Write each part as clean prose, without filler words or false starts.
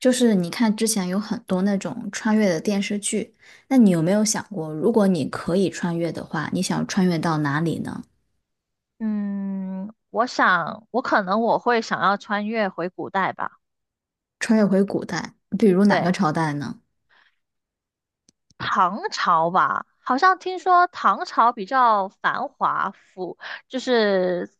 就是你看之前有很多那种穿越的电视剧，那你有没有想过，如果你可以穿越的话，你想穿越到哪里呢？嗯，我可能我会想要穿越回古代吧。穿越回古代，比如哪个对，朝代呢？唐朝吧。好像听说唐朝比较繁华富，就是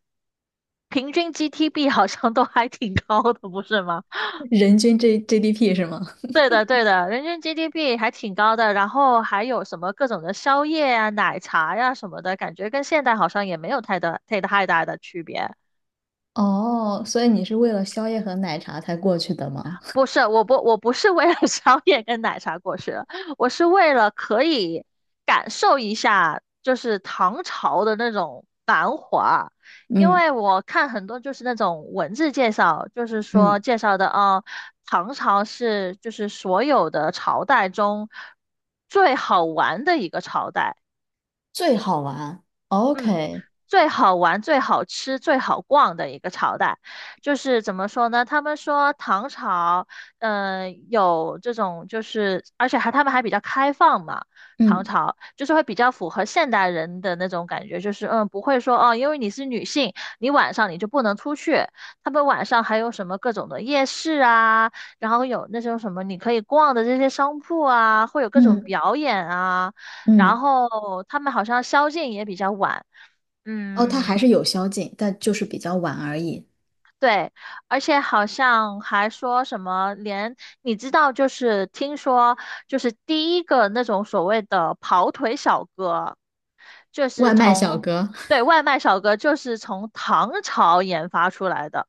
平均 GDP 好像都还挺高的，不是吗？人均 GDP 是吗？对的，对的，人均 GDP 还挺高的，然后还有什么各种的宵夜啊、奶茶呀、什么的，感觉跟现代好像也没有太大的区别。哦，所以你是为了宵夜和奶茶才过去的吗？不是，我不是为了 宵夜跟奶茶过世的，我是为了可以感受一下，就是唐朝的那种繁华。因嗯为我看很多就是那种文字介绍，就是说嗯，介绍的啊，唐朝就是所有的朝代中最好玩的一个朝代。最好玩。嗯，OK，最好玩、最好吃、最好逛的一个朝代，就是怎么说呢？他们说唐朝，有这种就是，而且他们还比较开放嘛。唐嗯朝就是会比较符合现代人的那种感觉，就是不会说哦，因为你是女性，你晚上你就不能出去。他们晚上还有什么各种的夜市啊，然后有那种什么你可以逛的这些商铺啊，会有各种嗯表演啊。然嗯，后他们好像宵禁也比较晚。哦，它嗯，还是有宵禁，但就是比较晚而已。对，而且好像还说什么连，你知道，就是听说，就是第一个那种所谓的跑腿小哥，就是外卖小从，哥，对，外卖小哥就是从唐朝研发出来的。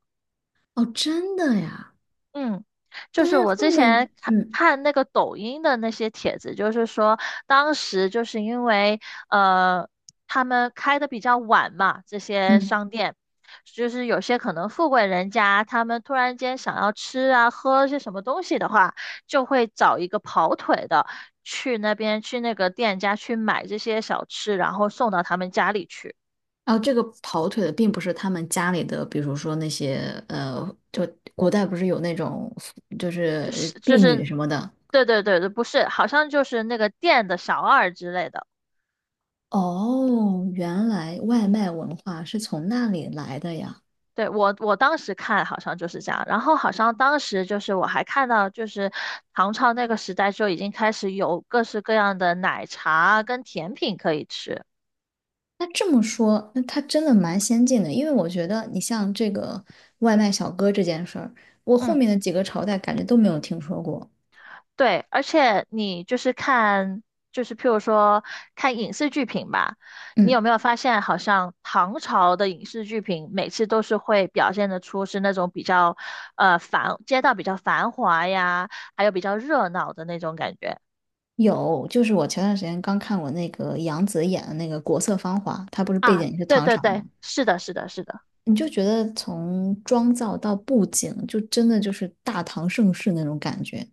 哦，真的呀？嗯，就但是是我后之面，前看嗯看那个抖音的那些帖子，就是说当时就是因为呃他们开的比较晚嘛，这些嗯。商店，就是有些可能富贵人家他们突然间想要吃啊喝些什么东西的话，就会找一个跑腿的去那边去那个店家去买这些小吃，然后送到他们家里去，然后这个跑腿的并不是他们家里的，比如说那些呃，就古代不是有那种就就是是就婢女是，什么的。对对对对，不是，好像就是那个店的小二之类的。哦，原来外卖文化是从那里来的呀。对，我当时看好像就是这样，然后好像当时就是我还看到，就是唐朝那个时代就已经开始有各式各样的奶茶跟甜品可以吃。那这么说，那他真的蛮先进的，因为我觉得你像这个外卖小哥这件事儿，我后嗯，面的几个朝代感觉都没有听说过。对，而且你就是看，就是譬如说看影视剧品吧，你有嗯，没有发现好像唐朝的影视剧品每次都是会表现得出是那种比较繁，街道比较繁华呀，还有比较热闹的那种感觉有，就是我前段时间刚看我那个杨紫演的那个《国色芳华》，它不是背啊？景是对唐对朝对，吗？是的，是的，是的。你就觉得从妆造到布景，就真的就是大唐盛世那种感觉。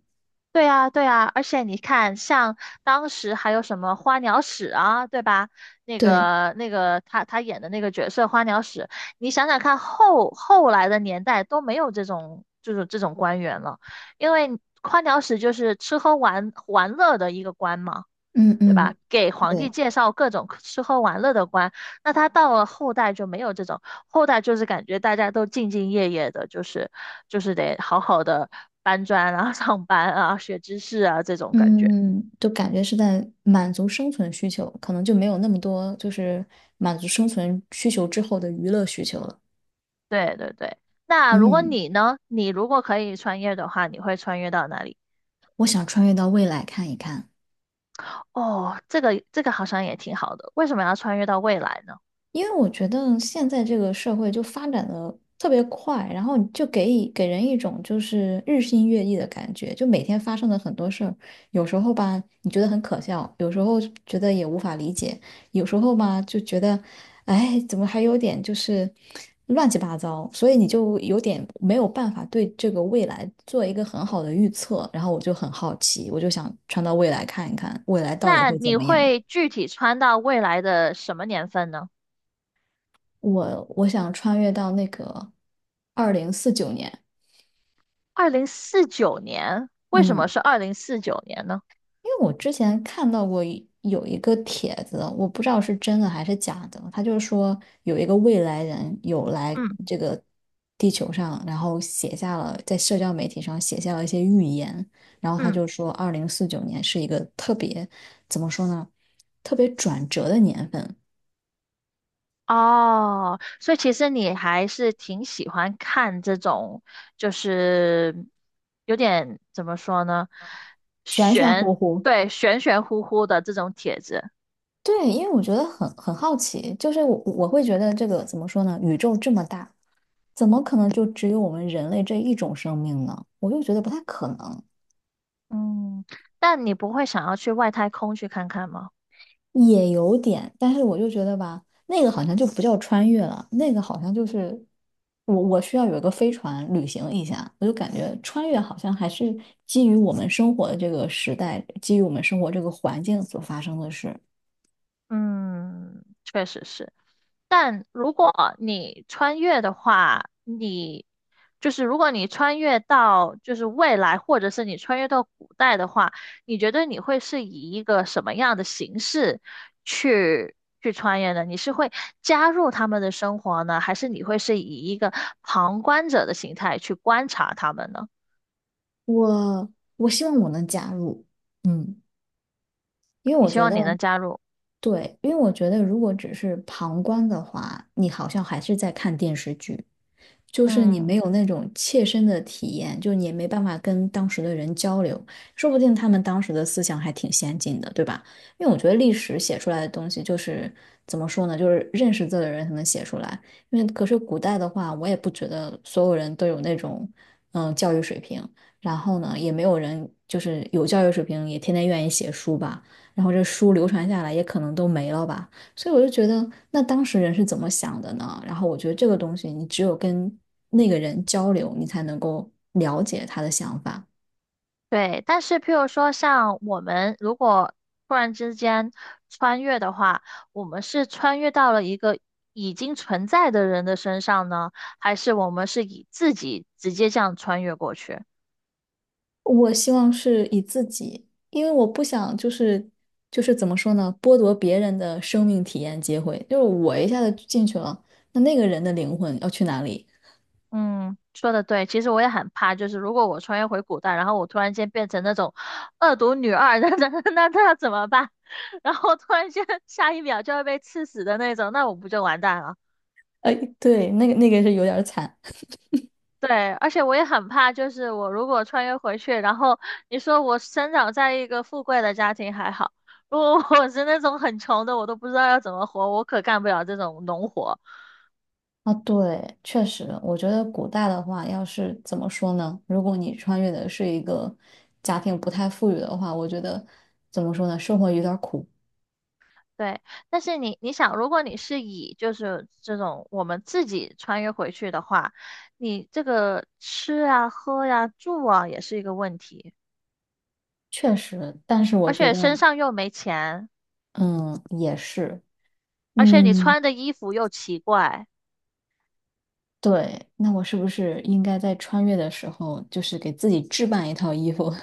对呀，对呀，而且你看，像当时还有什么花鸟使啊，对吧？那对，个那个他演的那个角色花鸟使，你想想看后来的年代都没有这种官员了，因为花鸟使就是吃喝玩乐的一个官嘛。嗯对吧？嗯，给皇帝对，介绍各种吃喝玩乐的官，那他到了后代就没有这种，后代就是感觉大家都兢兢业业的，就是得好好的搬砖啊、上班啊、学知识啊这种感觉。嗯，就感觉是在满足生存需求，可能就没有那么多就是满足生存需求之后的娱乐需求了。对对对。那如果嗯，你呢？你如果可以穿越的话，你会穿越到哪里？我想穿越到未来看一看。哦，这个这个好像也挺好的。为什么要穿越到未来呢？因为我觉得现在这个社会就发展的特别快，然后就给以给人一种就是日新月异的感觉，就每天发生的很多事儿，有时候吧你觉得很可笑，有时候觉得也无法理解，有时候吧就觉得，哎，怎么还有点就是乱七八糟，所以你就有点没有办法对这个未来做一个很好的预测，然后我就很好奇，我就想穿到未来看一看，未来到底那会怎你么样。会具体穿到未来的什么年份呢？我想穿越到那个二零四九年，二零四九年。为什么嗯，是二零四九年呢？因为我之前看到过一个帖子，我不知道是真的还是假的，他就是说有一个未来人有来嗯这个地球上，然后写下了在社交媒体上写下了一些预言，然后他嗯，就说二零四九年是一个特别怎么说呢，特别转折的年份，哦，所以其实你还是挺喜欢看这种，就是有点怎么说呢，玄玄玄，乎乎，对，玄玄乎乎的这种帖子。对，因为我觉得很好奇，就是我会觉得这个怎么说呢？宇宙这么大，怎么可能就只有我们人类这一种生命呢？我就觉得不太可能，嗯，但你不会想要去外太空去看看吗？也有点，但是我就觉得吧，那个好像就不叫穿越了，那个好像就是我需要有一个飞船旅行一下，我就感觉穿越好像还是基于我们生活的这个时代，基于我们生活这个环境所发生的事。嗯，确实是。但如果你穿越的话，你就是如果你穿越到就是未来，或者是你穿越到古代的话，你觉得你会是以一个什么样的形式去去穿越呢？你是会加入他们的生活呢，还是你会是以一个旁观者的形态去观察他们呢？我我希望我能加入，嗯。因为你我希觉望得，你能加入。对，因为我觉得如果只是旁观的话，你好像还是在看电视剧，就是你没嗯。有那种切身的体验，就你也没办法跟当时的人交流，说不定他们当时的思想还挺先进的，对吧？因为我觉得历史写出来的东西就是怎么说呢，就是认识字的人才能写出来。因为可是古代的话，我也不觉得所有人都有那种嗯教育水平，然后呢，也没有人就是有教育水平也天天愿意写书吧，然后这书流传下来也可能都没了吧。所以我就觉得，那当时人是怎么想的呢？然后我觉得这个东西，你只有跟那个人交流，你才能够了解他的想法。对，但是譬如说，像我们如果突然之间穿越的话，我们是穿越到了一个已经存在的人的身上呢，还是我们是以自己直接这样穿越过去？我希望是以自己，因为我不想就是怎么说呢，剥夺别人的生命体验机会。就是我一下子进去了，那那个人的灵魂要去哪里？嗯，说的对，其实我也很怕，就是如果我穿越回古代，然后我突然间变成那种恶毒女二，那要怎么办？然后突然间下一秒就要被刺死的那种，那我不就完蛋了？哎，对，那个是有点惨。对，而且我也很怕，就是我如果穿越回去，然后你说我生长在一个富贵的家庭还好，如果我是那种很穷的，我都不知道要怎么活，我可干不了这种农活。啊，对，确实，我觉得古代的话，要是怎么说呢？如果你穿越的是一个家庭不太富裕的话，我觉得怎么说呢？生活有点儿苦，对，但是你想，如果你是以就是这种我们自己穿越回去的话，你这个吃啊、喝呀、住啊也是一个问题，确实。但是而我觉且得，身上又没钱，嗯，也是，而且你嗯，穿的衣服又奇怪。对。那我是不是应该在穿越的时候，就是给自己置办一套衣服？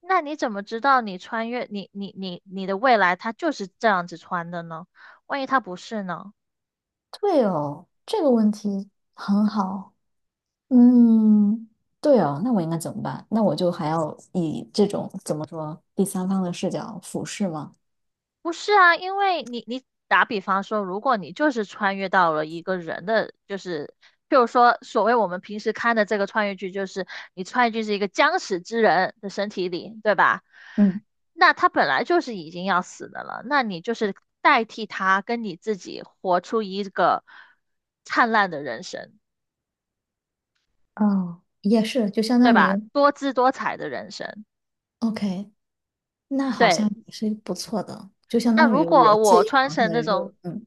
那你怎么知道你穿越你你你你的未来它就是这样子穿的呢？万一它不是呢？对哦，这个问题很好。嗯，对哦，那我应该怎么办？那我就还要以这种怎么说第三方的视角俯视吗？不是啊，因为你打比方说，如果你就是穿越到了一个人的，就是譬如说所谓我们平时看的这个穿越剧，就是你穿越剧是一个将死之人的身体里，对吧？嗯，那他本来就是已经要死的了，那你就是代替他跟你自己活出一个灿烂的人生，哦，也是，就相对当吧？于多姿多彩的人生。，OK，那好像对，也是不错的，就相那当如于我果借我用穿了他成的那肉，种嗯，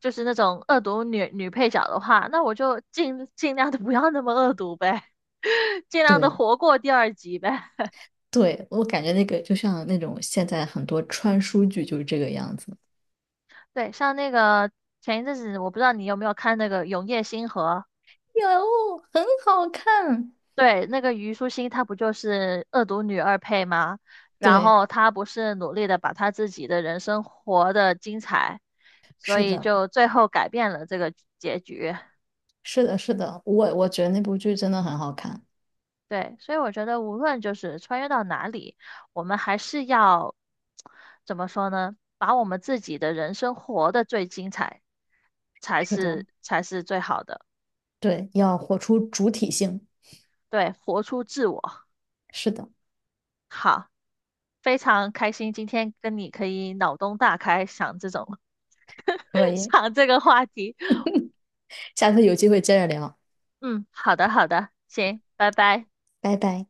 就是那种恶毒女配角的话，那我就尽量的不要那么恶毒呗，尽量的对活过第二集呗。对，我感觉那个就像那种现在很多穿书剧就是这个样子，对，像那个前一阵子，我不知道你有没有看那个《永夜星河》，有，很好看，对，那个虞书欣她不就是恶毒女二配吗？然对，后她不是努力的把她自己的人生活得精彩，所是以的，就最后改变了这个结局。是的，是的，我觉得那部剧真的很好看，对，所以我觉得无论就是穿越到哪里，我们还是要怎么说呢？把我们自己的人生活得最精彩，才是的，是才是最好的。对，要活出主体性，对，活出自我。是的，好，非常开心今天跟你可以脑洞大开，想这种 可 以，想这个话题。下次有机会接着聊，嗯，好的好的，行，拜拜。拜拜。